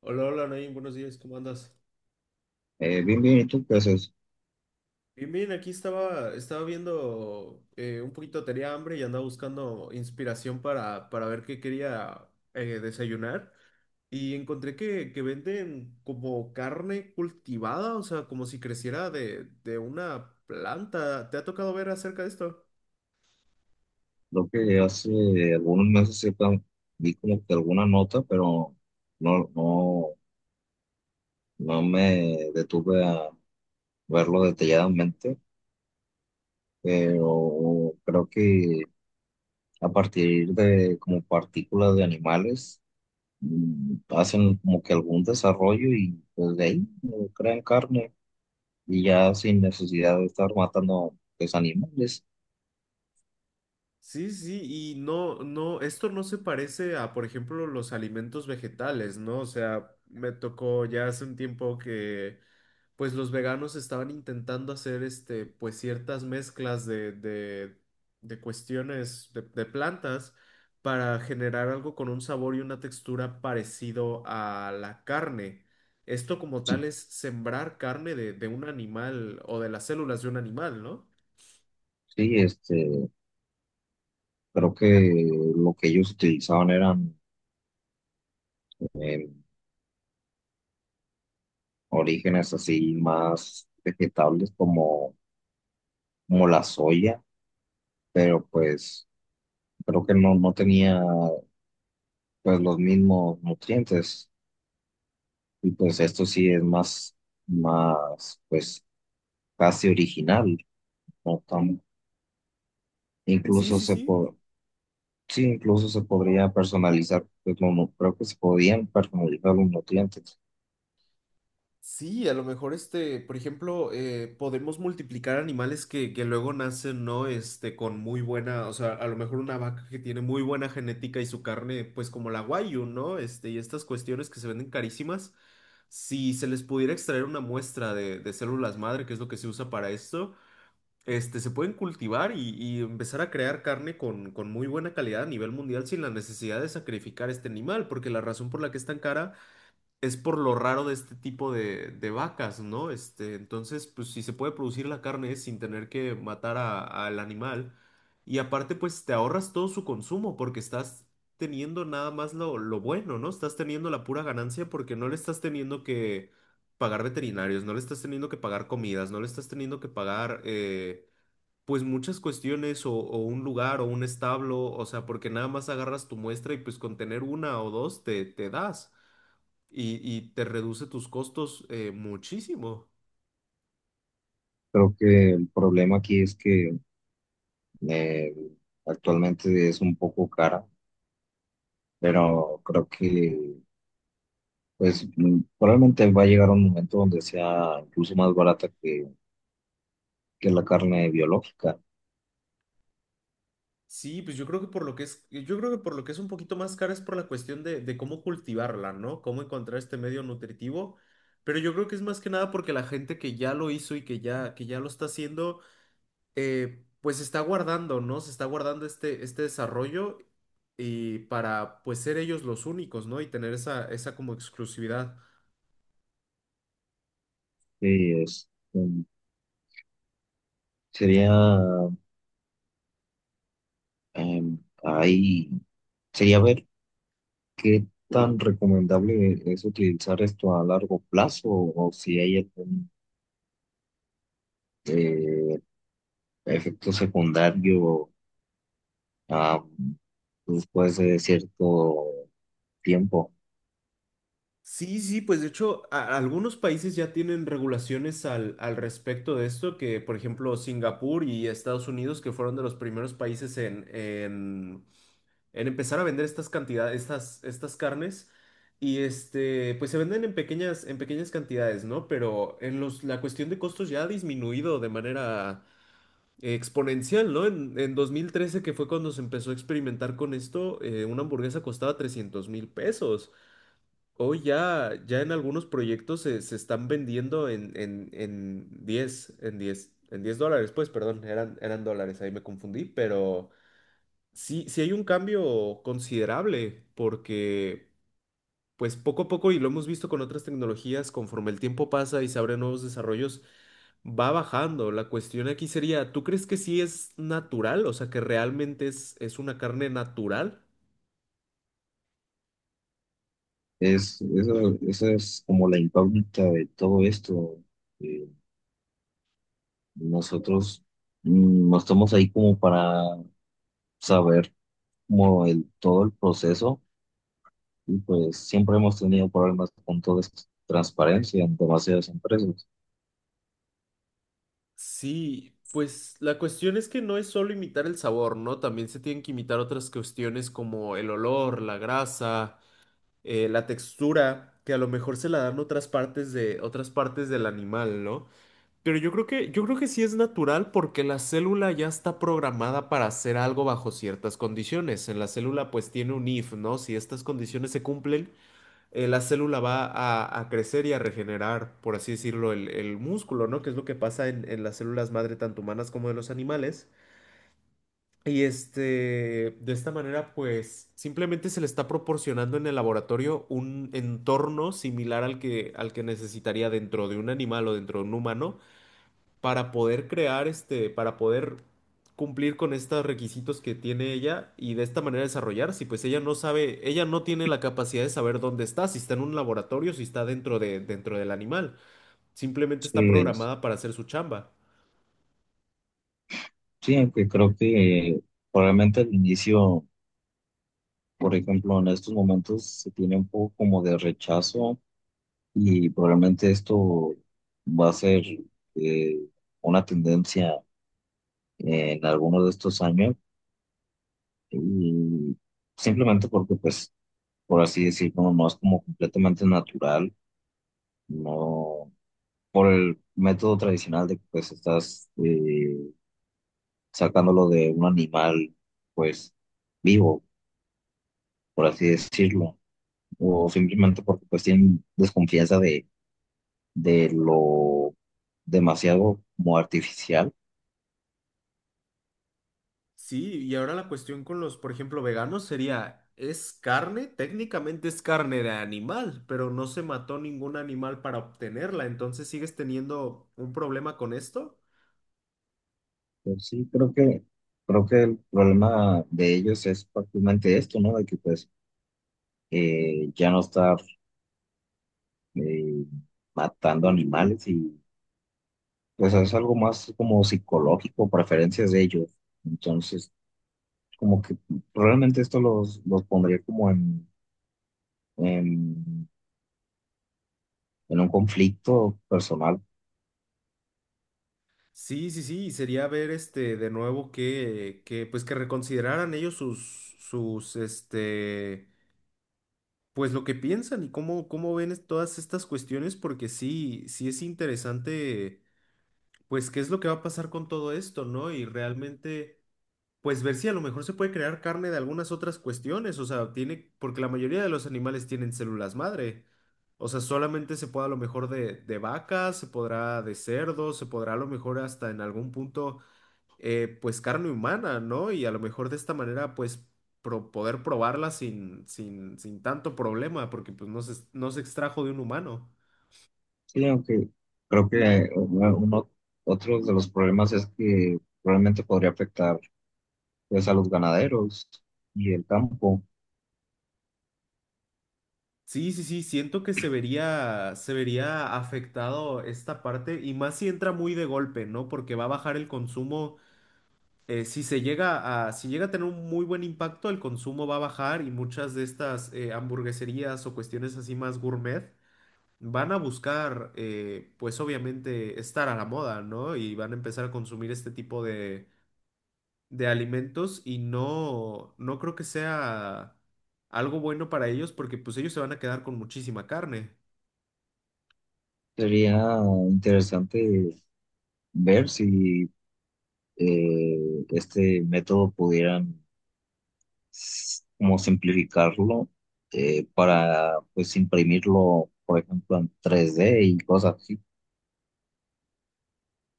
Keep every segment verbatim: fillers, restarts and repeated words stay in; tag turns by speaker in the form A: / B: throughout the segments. A: Hola, hola, Nain, buenos días, ¿cómo andas?
B: Eh, bien, bien, ¿y tú qué haces?
A: Bien, bien, aquí estaba, estaba viendo eh, un poquito, tenía hambre y andaba buscando inspiración para, para ver qué quería eh, desayunar y encontré que, que venden como carne cultivada, o sea, como si creciera de, de una planta. ¿Te ha tocado ver acerca de esto?
B: Creo que hace algunos meses sí pa- vi como que alguna nota, pero no, no, no me detuve a verlo detalladamente, pero creo que a partir de como partículas de animales mm, hacen como que algún desarrollo y pues de ahí eh, crean carne y ya sin necesidad de estar matando pues animales.
A: Sí, sí, y no, no, esto no se parece a, por ejemplo, los alimentos vegetales, ¿no? O sea, me tocó ya hace un tiempo que pues los veganos estaban intentando hacer este, pues ciertas mezclas de, de, de cuestiones de, de plantas para generar algo con un sabor y una textura parecido a la carne. Esto como
B: Sí,
A: tal es sembrar carne de, de un animal o de las células de un animal, ¿no?
B: sí, este, creo que lo que ellos utilizaban eran eh, orígenes así más vegetables como, como la soya, pero pues creo que no, no tenía pues los mismos nutrientes y pues esto sí es más, más pues casi original, ¿no? Tan-
A: Sí,
B: incluso
A: sí,
B: se
A: sí.
B: po- sí, incluso se podría personalizar, pues, no, no, creo que se podían personalizar los nutrientes.
A: Sí, a lo mejor este, por ejemplo, eh, podemos multiplicar animales que, que luego nacen, ¿no? Este, con muy buena, o sea, a lo mejor una vaca que tiene muy buena genética y su carne, pues como la Wagyu, ¿no? Este, y estas cuestiones que se venden carísimas, si se les pudiera extraer una muestra de, de células madre, que es lo que se usa para esto, este, se pueden cultivar y, y empezar a crear carne con, con muy buena calidad a nivel mundial sin la necesidad de sacrificar este animal, porque la razón por la que es tan cara es por lo raro de este tipo de, de vacas, ¿no? Este, entonces, pues si se puede producir la carne sin tener que matar a- al animal. Y aparte, pues te ahorras todo su consumo porque estás teniendo nada más lo, lo bueno, ¿no? Estás teniendo la pura ganancia porque no le estás teniendo que pagar veterinarios, no le estás teniendo que pagar comidas, no le estás teniendo que pagar, eh, pues muchas cuestiones o, o un lugar o un establo, o sea, porque nada más agarras tu muestra y pues con tener una o dos te, te das y, y te reduce tus costos eh, muchísimo.
B: Creo que el problema aquí es que eh, actualmente es un poco cara, pero creo que pues mm, probablemente va a llegar un momento donde sea incluso más barata que, que la carne biológica.
A: Sí, pues yo creo que por lo que es, yo creo que por lo que es un poquito más cara es por la cuestión de, de cómo cultivarla, ¿no? Cómo encontrar este medio nutritivo. Pero yo creo que es más que nada porque la gente que ya lo hizo y que ya, que ya lo está haciendo, eh, pues se está guardando, ¿no? Se está guardando este, este desarrollo y para pues ser ellos los únicos, ¿no? Y tener esa, esa como exclusividad.
B: Sí, es, mm, sería, em, ahí, sería ver qué tan recomendable es utilizar esto a largo plazo o si hay algún eh, efecto secundario, ah, después de cierto tiempo.
A: Sí, sí, pues de hecho a- algunos países ya tienen regulaciones al, al respecto de esto, que por ejemplo Singapur y Estados Unidos, que fueron de los primeros países en, en, en empezar a vender estas cantidades, estas, estas carnes, y este, pues se venden en pequeñas, en pequeñas cantidades, ¿no? Pero en los, la cuestión de costos ya ha disminuido de manera exponencial, ¿no? En, en dos mil trece, que fue cuando se empezó a experimentar con esto, eh, una hamburguesa costaba trescientos mil pesos. Hoy ya, ya en algunos proyectos se, se están vendiendo en, en, en diez, en diez, en diez dólares, pues, perdón, eran, eran dólares, ahí me confundí, pero sí, sí hay un cambio considerable, porque pues poco a poco, y lo hemos visto con otras tecnologías, conforme el tiempo pasa y se abren nuevos desarrollos, va bajando. La cuestión aquí sería, ¿tú crees que sí es natural? O sea, que realmente es, es una carne natural.
B: Es, eso, esa es como la incógnita de todo esto. eh, Nosotros, mm, no estamos ahí como para saber como el, todo el proceso y pues siempre hemos tenido problemas con toda esta transparencia en demasiadas empresas.
A: Sí, pues la cuestión es que no es solo imitar el sabor, ¿no? También se tienen que imitar otras cuestiones como el olor, la grasa, eh, la textura, que a lo mejor se la dan otras partes de otras partes del animal, ¿no? Pero yo creo que yo creo que sí es natural porque la célula ya está programada para hacer algo bajo ciertas condiciones. En la célula pues tiene un if, ¿no? Si estas condiciones se cumplen, eh, la célula va a, a crecer y a regenerar, por así decirlo, el, el músculo, ¿no? Que es lo que pasa en, en las células madre, tanto humanas como de los animales. Y este, de esta manera, pues simplemente se le está proporcionando en el laboratorio un entorno similar al que, al que necesitaría dentro de un animal o dentro de un humano para poder crear este, para poder cumplir con estos requisitos que tiene ella y de esta manera desarrollarse. Y pues ella no sabe, ella no tiene la capacidad de saber dónde está, si está en un laboratorio, si está dentro de, dentro del animal. Simplemente
B: Sí,
A: está
B: es-
A: programada para hacer su chamba.
B: sí, aunque creo que probablemente al inicio, por ejemplo, en estos momentos se tiene un poco como de rechazo y probablemente esto va a ser, eh, una tendencia en algunos de estos años y simplemente porque pues, por así decirlo, no es como completamente natural, no por el método tradicional de que pues estás eh, sacándolo de un animal pues vivo, por así decirlo, o simplemente porque pues tienen desconfianza de, de lo demasiado como artificial.
A: Sí, y ahora la cuestión con los, por ejemplo, veganos sería, ¿es carne? Técnicamente es carne de animal, pero no se mató ningún animal para obtenerla, entonces sigues teniendo un problema con esto.
B: Pues sí, creo que, creo que el problema de ellos es prácticamente esto, ¿no? De que pues eh, ya no estar eh, matando animales pues es algo más como psicológico, preferencias de ellos. Entonces, como que probablemente esto los, los pondría como en, en, en un conflicto personal.
A: Sí, sí, sí, y sería ver este de nuevo que, que pues que reconsideraran ellos sus, sus, este, pues lo que piensan y cómo, cómo ven es- todas estas cuestiones, porque sí, sí es interesante, pues qué es lo que va a pasar con todo esto, ¿no? Y realmente, pues ver si a lo mejor se puede crear carne de algunas otras cuestiones, o sea, tiene, porque la mayoría de los animales tienen células madre. O sea, solamente se puede a lo mejor de, de vacas, se podrá de cerdos, se podrá a lo mejor hasta en algún punto eh, pues carne humana, ¿no? Y a lo mejor de esta manera, pues pro- poder probarla sin, sin, sin tanto problema, porque pues no se, no se extrajo de un humano.
B: Sí, aunque creo que uno, uno- otro de los problemas es que probablemente podría afectar pues a los ganaderos y el campo.
A: Sí, sí, sí, siento que se vería, se vería afectado esta parte y más si entra muy de golpe, ¿no? Porque va a bajar el consumo, eh, si se llega a, si llega a tener un muy buen impacto, el consumo va a bajar y muchas de estas eh, hamburgueserías o cuestiones así más gourmet van a buscar, eh, pues obviamente, estar a la moda, ¿no? Y van a empezar a consumir este tipo de, de alimentos y no, no creo que sea algo bueno para ellos porque pues ellos se van a quedar con muchísima carne.
B: Sería interesante ver si eh, este método pudieran s- como simplificarlo, eh, para pues imprimirlo, por ejemplo, en tres D y cosas así.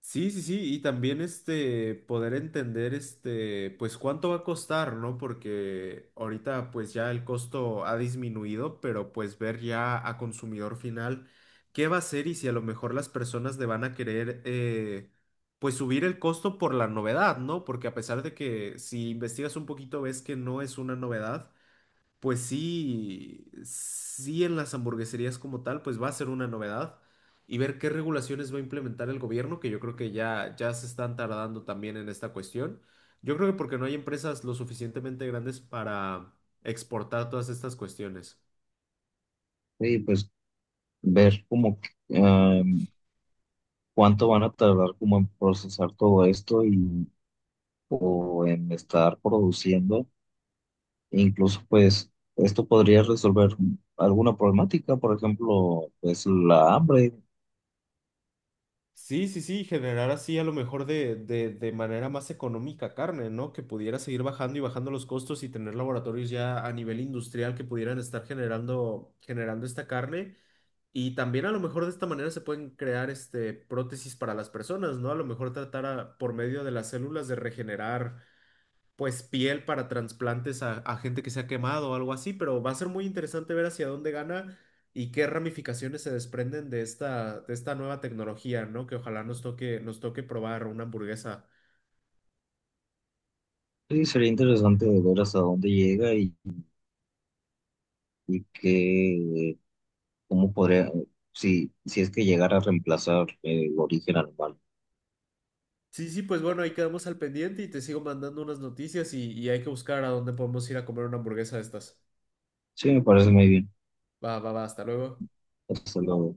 A: Sí, sí, sí, y también este poder entender este pues cuánto va a costar, ¿no? Porque ahorita pues ya el costo ha disminuido, pero pues ver ya a consumidor final qué va a ser y si a lo mejor las personas le van a querer eh, pues subir el costo por la novedad, ¿no? Porque a pesar de que si investigas un poquito ves que no es una novedad, pues sí, sí en las hamburgueserías como tal, pues va a ser una novedad y ver qué regulaciones va a implementar el gobierno, que yo creo que ya, ya se están tardando también en esta cuestión. Yo creo que porque no hay empresas lo suficientemente grandes para exportar todas estas cuestiones.
B: Y pues ver como que, em, cuánto van a tardar como en procesar todo esto y o en estar produciendo. E incluso pues esto podría resolver alguna problemática, por ejemplo, pues la hambre.
A: Sí, sí, sí, generar así a lo mejor de, de, de manera más económica carne, ¿no? Que pudiera seguir bajando y bajando los costos y tener laboratorios ya a nivel industrial que pudieran estar generando, generando esta carne. Y también a lo mejor de esta manera se pueden crear este, prótesis para las personas, ¿no? A lo mejor tratar a- por medio de las células de regenerar pues piel para trasplantes a, a gente que se ha quemado o algo así, pero va a ser muy interesante ver hacia dónde gana y qué ramificaciones se desprenden de esta, de esta nueva tecnología, ¿no? Que ojalá nos toque, nos toque probar una hamburguesa.
B: Sí, sería interesante ver hasta dónde llega y, y qué, cómo podría, si, si es que llegara a reemplazar eh, el origen animal.
A: Sí, sí, pues bueno, ahí quedamos al pendiente y te sigo mandando unas noticias y, y hay que buscar a dónde podemos ir a comer una hamburguesa de estas.
B: Sí, me parece muy bien.
A: Va, va, va, hasta luego.
B: Hasta luego.